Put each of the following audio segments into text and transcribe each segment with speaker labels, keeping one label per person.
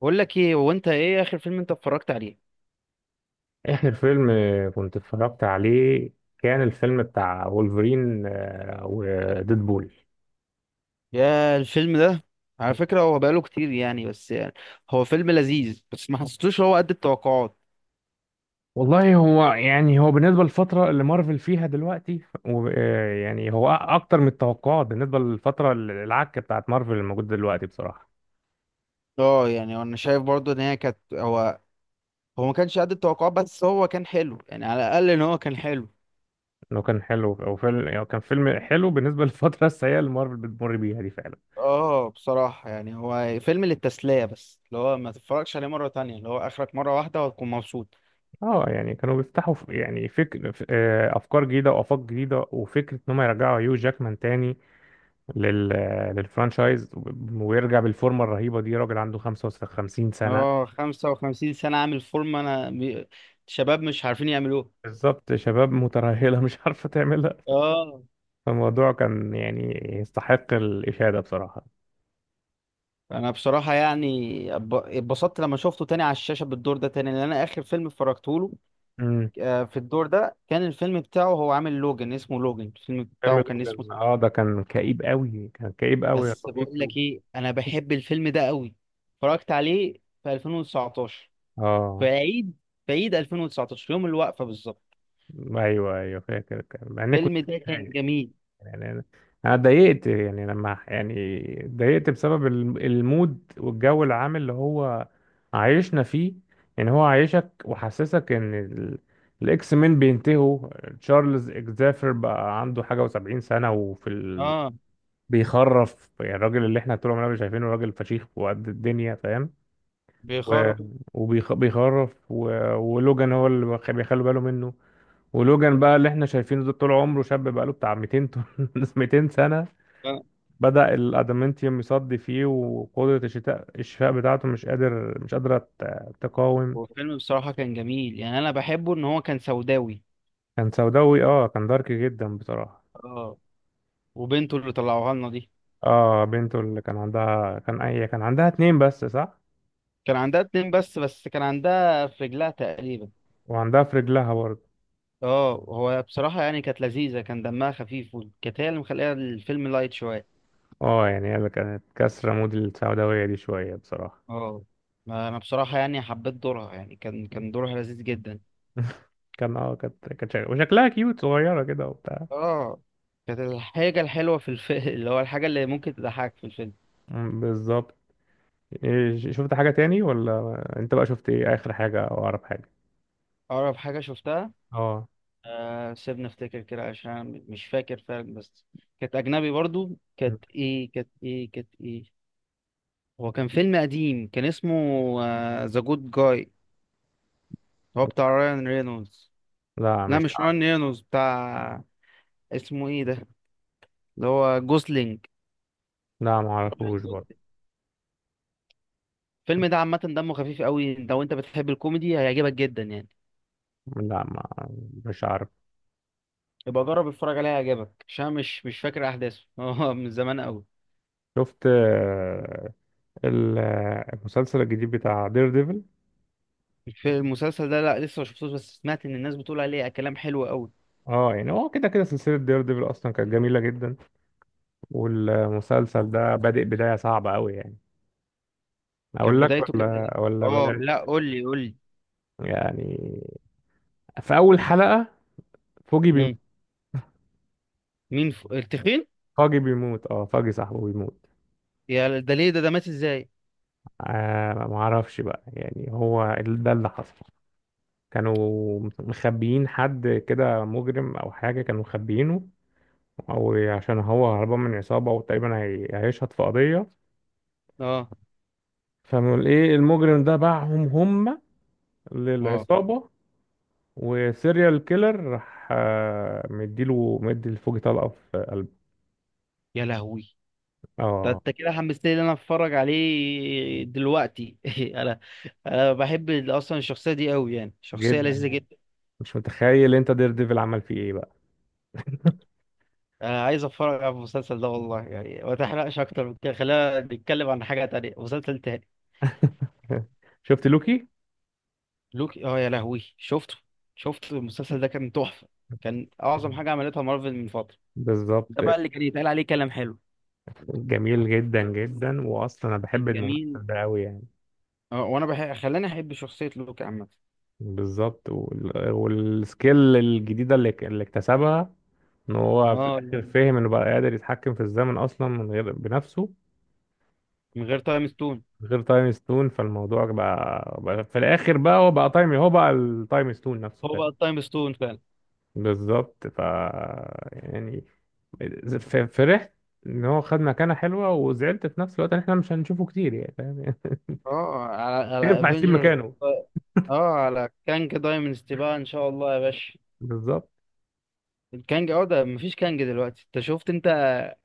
Speaker 1: بقول لك ايه، هو انت ايه اخر فيلم انت اتفرجت عليه؟
Speaker 2: احنا الفيلم كنت اتفرجت عليه. كان الفيلم بتاع وولفرين وديدبول.
Speaker 1: يا الفيلم ده. على فكرة هو بقاله كتير يعني، بس يعني هو فيلم لذيذ، بس ما حسيتوش هو قد التوقعات.
Speaker 2: والله، هو بالنسبة للفترة اللي مارفل فيها دلوقتي، يعني هو أكتر من التوقعات بالنسبة للفترة العكة بتاعت مارفل الموجودة دلوقتي بصراحة.
Speaker 1: اه يعني انا شايف برضو ان هي كانت هو ما كانش قد التوقعات، بس هو كان حلو يعني، على الاقل ان هو كان حلو.
Speaker 2: إنه كان حلو أو فيلم، يعني كان فيلم حلو بالنسبة للفترة السيئة اللي مارفل بتمر بيها دي فعلا.
Speaker 1: اه بصراحة يعني هو فيلم للتسلية، بس اللي هو ما تتفرجش عليه مرة تانية، اللي هو اخرك مرة واحدة وهتكون مبسوط.
Speaker 2: اه، يعني كانوا بيفتحوا، ف- يعني فكر ف- آه، أفكار جديدة وآفاق جديدة وفكرة إن هم يرجعوا هيو جاكمان تاني لل... للفرانشايز. ويرجع بالفورمه الرهيبه دي، راجل عنده 55 سنه.
Speaker 1: اه 55 سنة عامل فورمة، شباب مش عارفين يعملوه.
Speaker 2: بالظبط، شباب مترهله مش عارفه تعملها.
Speaker 1: اه
Speaker 2: فالموضوع كان يعني يستحق الاشاده بصراحه.
Speaker 1: انا بصراحه يعني اتبسطت لما شفته تاني على الشاشه بالدور ده تاني، لان انا اخر فيلم اتفرجت له
Speaker 2: امم
Speaker 1: آه، في الدور ده كان الفيلم بتاعه، هو عامل لوجن اسمه لوجن، الفيلم
Speaker 2: فيلم
Speaker 1: بتاعه كان اسمه.
Speaker 2: لوجان، اه ده كان كئيب قوي، كان كئيب قوي يا
Speaker 1: بس بقول
Speaker 2: صديقي.
Speaker 1: لك ايه، انا بحب الفيلم ده قوي، اتفرجت عليه في 2019، في
Speaker 2: اه،
Speaker 1: عيد في عيد 2019 يوم الوقفه بالظبط.
Speaker 2: ايوه ايوه فاكر، كان مع اني كنت
Speaker 1: الفيلم ده كان
Speaker 2: متضايق.
Speaker 1: جميل.
Speaker 2: يعني انا أنا اتضايقت، يعني لما يعني اتضايقت بسبب المود والجو العام اللي هو عايشنا فيه. يعني هو عايشك وحسسك ان الاكس مين بينتهوا. تشارلز اكزافير بقى عنده حاجه و70 سنه،
Speaker 1: اه
Speaker 2: بيخرف. يعني الراجل اللي احنا طول عمرنا شايفينه راجل فشيخ وقد الدنيا فاهم، و...
Speaker 1: بيخر
Speaker 2: بيخرف. ولوجان هو اللي بيخ- بيخلوا باله منه. ولوجان بقى اللي احنا شايفينه ده طول عمره شاب بقاله بتاع 200 طن- 200 سنه. بدأ الادامنتيوم يصدي فيه، وقدرة الشتاء الشفاء بتاعته مش قادرة تقاوم.
Speaker 1: هو الفيلم بصراحه كان جميل يعني، انا بحبه ان هو كان سوداوي.
Speaker 2: كان سوداوي، اه كان دارك جدا بصراحة.
Speaker 1: اه، وبنته اللي طلعوها لنا دي
Speaker 2: اه، بنته اللي كان عندها، كان عندها اتنين بس صح.
Speaker 1: كان عندها اتنين بس، كان عندها في رجلها تقريبا.
Speaker 2: وعندها في رجلها برضه.
Speaker 1: اه هو بصراحة يعني كانت لذيذة، كان دمها خفيف، وكانت هي اللي مخليها الفيلم لايت شوية.
Speaker 2: اه، يعني هي اللي كانت كسرة مود السوداوية دي شوية بصراحة.
Speaker 1: اه، ما انا بصراحة يعني حبيت دورها، يعني كان دورها لذيذ جدا.
Speaker 2: كان، اه كانت وشكلها كيوت صغيرة كده وبتاع.
Speaker 1: اه كانت الحاجة الحلوة في الفيلم اللي هو الحاجة اللي ممكن تضحك في الفيلم.
Speaker 2: بالظبط. إيه، شفت حاجة تاني؟ ولا انت بقى شفت ايه؟ اخر حاجة او اقرب حاجة؟
Speaker 1: أقرب حاجة شفتها،
Speaker 2: اه،
Speaker 1: آه، سيبني أفتكر كده عشان أنا مش فاكر فعلا، بس كانت أجنبي برضو. كانت إيه؟ هو كان فيلم قديم، كان اسمه ذا جود جاي، هو بتاع رايان رينولدز.
Speaker 2: لا
Speaker 1: لا
Speaker 2: مش
Speaker 1: مش
Speaker 2: عارف.
Speaker 1: رايان رينولدز، بتاع اسمه ايه ده، اللي هو جوسلينج.
Speaker 2: لا ما اعرفوش برضه.
Speaker 1: الفيلم ده عامة دمه خفيف قوي، لو انت بتحب الكوميدي هيعجبك جدا يعني.
Speaker 2: لا، ما مش عارف.
Speaker 1: يبقى جرب اتفرج عليه، هيعجبك، عشان أنا مش فاكر احداثه هو من زمان قوي.
Speaker 2: شفت المسلسل الجديد بتاع دير ديفل؟
Speaker 1: في المسلسل ده، لا لسه ما شفتوش، بس سمعت ان الناس بتقول عليه كلام حلو قوي.
Speaker 2: اه، يعني هو كده كده سلسلة دير ديفل اصلا كانت جميلة جدا. والمسلسل ده بادئ بداية صعبة قوي يعني. اقول
Speaker 1: كانت
Speaker 2: لك
Speaker 1: بدايته كانت إيه؟
Speaker 2: ولا ولا
Speaker 1: اه
Speaker 2: بلاش؟
Speaker 1: لا، قول لي قول لي.
Speaker 2: يعني في اول حلقة فوجي بيموت.
Speaker 1: مم. مين التخين؟
Speaker 2: فوجي بيموت، اه فوجي صاحبه بيموت.
Speaker 1: يا، ده ليه؟ ده مات ازاي؟
Speaker 2: آه ما اعرفش بقى، يعني هو ده اللي حصل. كانوا مخبيين حد كده مجرم او حاجة، كانوا مخبيينه، او عشان هو هربان من عصابة وتقريبا هيشهد في قضية.
Speaker 1: اه.
Speaker 2: فايه المجرم ده باعهم هم
Speaker 1: اه،
Speaker 2: للعصابة. وسيريال كيلر راح، مدي الفوجي طلقة في قلبه.
Speaker 1: يا لهوي، ده
Speaker 2: اه،
Speaker 1: انت كده حمستني ان انا اتفرج عليه دلوقتي انا انا بحب اصلا الشخصيه دي قوي يعني، شخصيه
Speaker 2: جدا
Speaker 1: لذيذه
Speaker 2: يعني.
Speaker 1: جدا.
Speaker 2: مش متخيل انت دير ديفل عمل فيه ايه بقى.
Speaker 1: انا عايز اتفرج على المسلسل ده والله يعني، ما تحرقش اكتر من كده، خلينا نتكلم عن حاجه تانية، مسلسل تاني.
Speaker 2: شفت لوكي؟
Speaker 1: لوكي، اه يا لهوي، شفته، شفت المسلسل ده، كان تحفه، كان اعظم حاجه عملتها مارفل من فتره.
Speaker 2: بالظبط.
Speaker 1: ده بقى اللي كان يتقال عليه كلام حلو.
Speaker 2: جميل جدا جدا، واصلا انا بحب
Speaker 1: كان
Speaker 2: الممثل
Speaker 1: جميل.
Speaker 2: ده قوي يعني.
Speaker 1: اه وانا بحب، خلاني احب شخصيه لوكي عامه.
Speaker 2: بالظبط. والسكيل الجديده اللي اكتسبها، ان هو في
Speaker 1: اه،
Speaker 2: الاخر فهم انه بقى قادر يتحكم في الزمن اصلا من غير بنفسه.
Speaker 1: من غير تايم ستون.
Speaker 2: من غير تايم ستون، فالموضوع بقى في الاخر، بقى هو بقى تايم هو بقى التايم ستون نفسه.
Speaker 1: هو بقى التايم ستون فعلا.
Speaker 2: بالظبط. يعني فرحت ان هو خد مكانه حلوه، وزعلت في نفس الوقت ان احنا مش هنشوفه كتير، يعني فاهم يعني.
Speaker 1: اه،
Speaker 2: مش
Speaker 1: على
Speaker 2: هينفع اسيب
Speaker 1: افنجرز.
Speaker 2: مكانه.
Speaker 1: اه، على كانج دايمنستي بقى، ان شاء الله يا باشا.
Speaker 2: بالظبط.
Speaker 1: الكانج، اه، ده مفيش كانج دلوقتي، انت شفت انت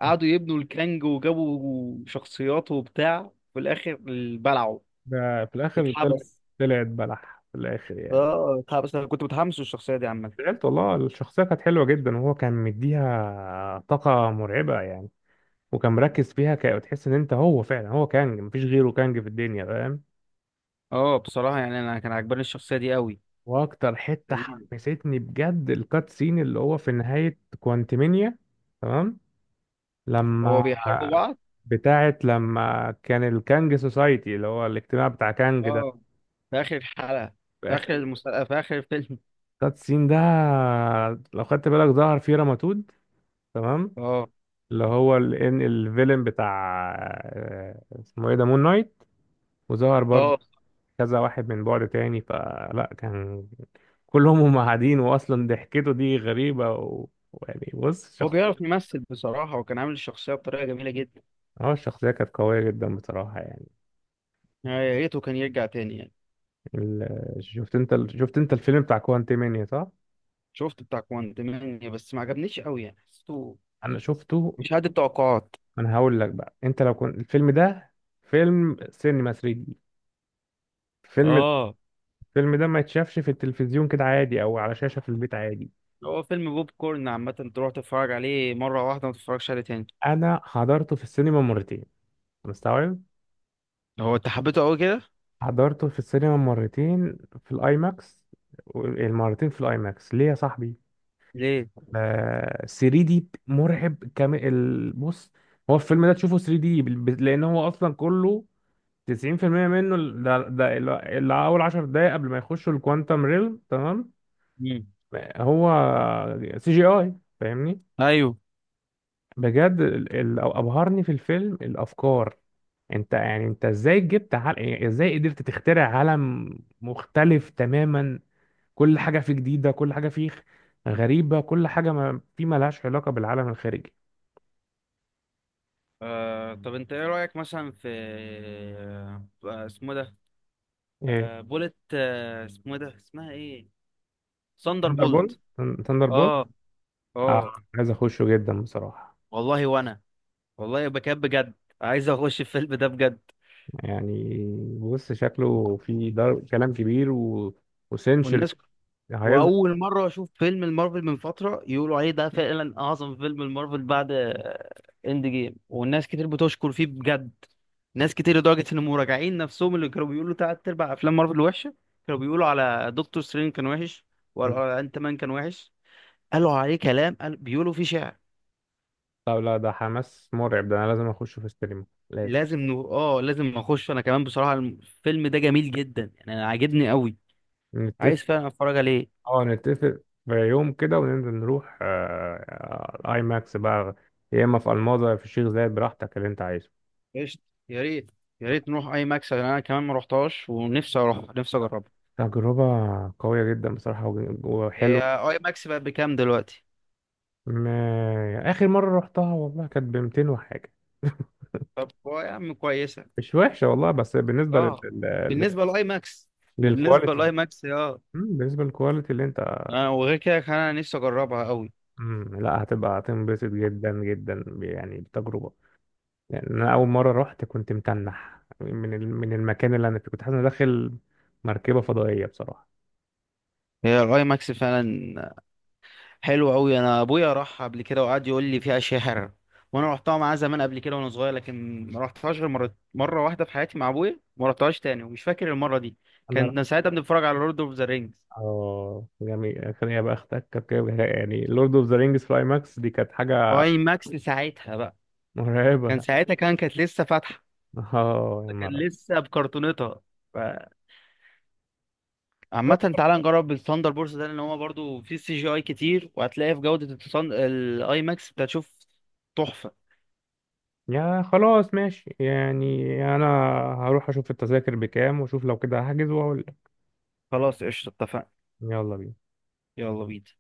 Speaker 1: قعدوا يبنوا الكانج، وجابوا شخصيات وبتاع، في الاخر بلعوا.
Speaker 2: ده في الاخر طلع،
Speaker 1: اتحبس.
Speaker 2: طلعت بلح في الاخر يعني.
Speaker 1: اه اتحبس، انا كنت متحمس للشخصيه دي عامه.
Speaker 2: زعلت والله، الشخصيه كانت حلوه جدا وهو كان مديها طاقه مرعبه يعني. وكان مركز فيها تحس ان انت هو فعلا هو كانج، مفيش غيره كانج في الدنيا، فاهم.
Speaker 1: اه بصراحه يعني انا كان عجباني الشخصيه دي قوي.
Speaker 2: واكتر حته
Speaker 1: لذيذة.
Speaker 2: حمستني بجد الكات سين اللي هو في نهايه كوانتمينيا. تمام،
Speaker 1: هو
Speaker 2: لما،
Speaker 1: بيحاربوا بعض.
Speaker 2: بتاعت لما كان الكانج سوسايتي اللي هو الاجتماع بتاع كانج ده،
Speaker 1: اه، في اخر الحلقه،
Speaker 2: في
Speaker 1: في اخر
Speaker 2: اخر
Speaker 1: المسلسل، في اخر الفيلم.
Speaker 2: كات سين ده لو خدت بالك ظهر فيه رماتود. تمام،
Speaker 1: اه.
Speaker 2: اللي هو الان الفيلن بتاع، اسمه ايه ده، مون نايت. وظهر
Speaker 1: اه،
Speaker 2: برضه كذا واحد من بعد تاني، فلا كان كلهم هم قاعدين، واصلا ضحكته دي غريبة، و... ويعني بص،
Speaker 1: هو بيعرف
Speaker 2: شخصية.
Speaker 1: يمثل بصراحه، وكان عامل الشخصيه بطريقه جميله جدا.
Speaker 2: اه الشخصية كانت قوية جدا بصراحة يعني.
Speaker 1: يعني يا ريته كان يرجع تاني يعني.
Speaker 2: ال... شفت انت الفيلم بتاع كوانتي مانيا صح؟
Speaker 1: شفت بتاع كوانتمانيا، بس ما عجبنيش قوي يعني، حسيته
Speaker 2: انا شفته.
Speaker 1: مش قد التوقعات.
Speaker 2: انا هقول لك بقى، انت لو كنت الفيلم ده فيلم سينما 3 دي. الفيلم،
Speaker 1: اه،
Speaker 2: الفيلم ده ما يتشافش في التلفزيون كده عادي او على شاشة في البيت عادي.
Speaker 1: هو فيلم بوب كورن عامة، تروح تتفرج عليه مرة واحدة، ما تتفرجش عليه تاني.
Speaker 2: انا حضرته في السينما مرتين، مستوعب.
Speaker 1: هو انت حبيته قوي كده؟
Speaker 2: حضرته في السينما مرتين في الاي ماكس. المرتين في الاي ماكس ليه يا صاحبي؟
Speaker 1: ليه؟
Speaker 2: 3 دي مرعب كامل، بص. هو الفيلم ده تشوفه 3 دي، لان هو اصلا كله 90% منه، اللي اول 10 دقايق قبل ما يخشوا الكوانتم ريل، تمام.
Speaker 1: امم.
Speaker 2: هو سي جي اي، فاهمني.
Speaker 1: ايوه.
Speaker 2: بجد ابهرني في الفيلم الافكار. انت يعني انت ازاي جبت يعني ازاي قدرت تخترع عالم مختلف تماما، كل حاجة فيه جديدة، كل حاجة فيه غريبة، كل حاجة ما فيه ملهاش علاقة بالعالم الخارجي.
Speaker 1: آه طب انت ايه رأيك مثلا في، آه اسمه ده،
Speaker 2: ايه،
Speaker 1: آه بولت، آه اسمه ده، اسمها ايه؟ ثاندر
Speaker 2: ثاندر بول
Speaker 1: بولت.
Speaker 2: ثاندر بول،
Speaker 1: اه. اه
Speaker 2: اه. عايز اخشه جدا بصراحة.
Speaker 1: والله، وانا والله بكاب بجد، عايز اخش الفيلم ده بجد.
Speaker 2: يعني بص شكله، كلام كبير و... وسنشري
Speaker 1: والناس،
Speaker 2: هيظهر.
Speaker 1: واول مره اشوف فيلم المارفل من فتره يقولوا عليه ده فعلا اعظم فيلم المارفل بعد اند جيم، والناس كتير بتشكر فيه بجد، ناس كتير لدرجه ان مراجعين نفسهم اللي كانوا بيقولوا تلات ارباع افلام مارفل وحشه، كانوا بيقولوا على دكتور سترينج كان وحش، وقالوا
Speaker 2: مم.
Speaker 1: على انت مان كان وحش، قالوا عليه كلام، قال بيقولوا فيه شعر.
Speaker 2: طب لا، ده حماس مرعب، ده انا لازم اخشه في السينما لازم.
Speaker 1: اه لازم اخش انا كمان بصراحه، الفيلم ده جميل جدا يعني، انا عاجبني قوي.
Speaker 2: نتفق.
Speaker 1: عايز فعلا اتفرج عليه.
Speaker 2: اه نتفق في يوم كده وننزل نروح، اي ماكس بقى. يا اما في الماظة يا في الشيخ زايد، براحتك اللي انت عايزه.
Speaker 1: قشطة. يا ريت يا ريت نروح اي ماكس، لأن انا كمان ما روحتهاش، ونفسي اروح نفسي اجربها.
Speaker 2: تجربة قوية جدا بصراحة،
Speaker 1: هي
Speaker 2: وحلوة.
Speaker 1: اي ماكس بقت بكام دلوقتي؟
Speaker 2: ما... آخر مرة رحتها والله كانت ب 200 وحاجة.
Speaker 1: طب يا عم كويسه.
Speaker 2: مش وحشة والله، بس بالنسبة
Speaker 1: اه بالنسبه لاي ماكس بالنسبه
Speaker 2: للكواليتي.
Speaker 1: لاي ماكس اه.
Speaker 2: بالنسبة للكواليتي اللي انت.
Speaker 1: انا وغير كده، كان انا نفسي اجربها قوي.
Speaker 2: لا هتبقى هتنبسط جدا جدا، يعني بتجربة. يعني أنا أول مرة رحت كنت متنح من المكان اللي أنا فيه، كنت حاسس إني داخل مركبة فضائية بصراحة.
Speaker 1: هي الاي ماكس فعلا حلوه قوي، انا ابويا راح قبل كده وقعد يقول لي فيها اشياء حلوه، وانا رحتها معاه زمان قبل كده وانا صغير، لكن ما رحتهاش غير مره واحده في حياتي مع ابويا، ما رحتهاش تاني، ومش فاكر المره دي.
Speaker 2: أنا رحت.
Speaker 1: كان ساعتها بنتفرج على لورد اوف ذا رينجز،
Speaker 2: آه جميل، خليني أبقى أختك كركبة يعني. لورد أوف ذا رينجز في ماكس دي كانت حاجة
Speaker 1: واي ماكس ساعتها بقى
Speaker 2: مرعبة.
Speaker 1: كانت لسه فاتحه،
Speaker 2: آه يا
Speaker 1: كان
Speaker 2: نهار أبيض.
Speaker 1: لسه بكرتونتها. ف- عامة تعالى نجرب الثاندر بورس ده، لان هو برضو فيه سي جي اي كتير، وهتلاقي في جودة الاي ماكس انت هتشوف تحفة.
Speaker 2: يا خلاص ماشي، يعني أنا هروح أشوف التذاكر بكام وأشوف، لو كده هحجز وأقول لك.
Speaker 1: خلاص قشطة اتفقنا.
Speaker 2: يلا بينا
Speaker 1: يلا بينا.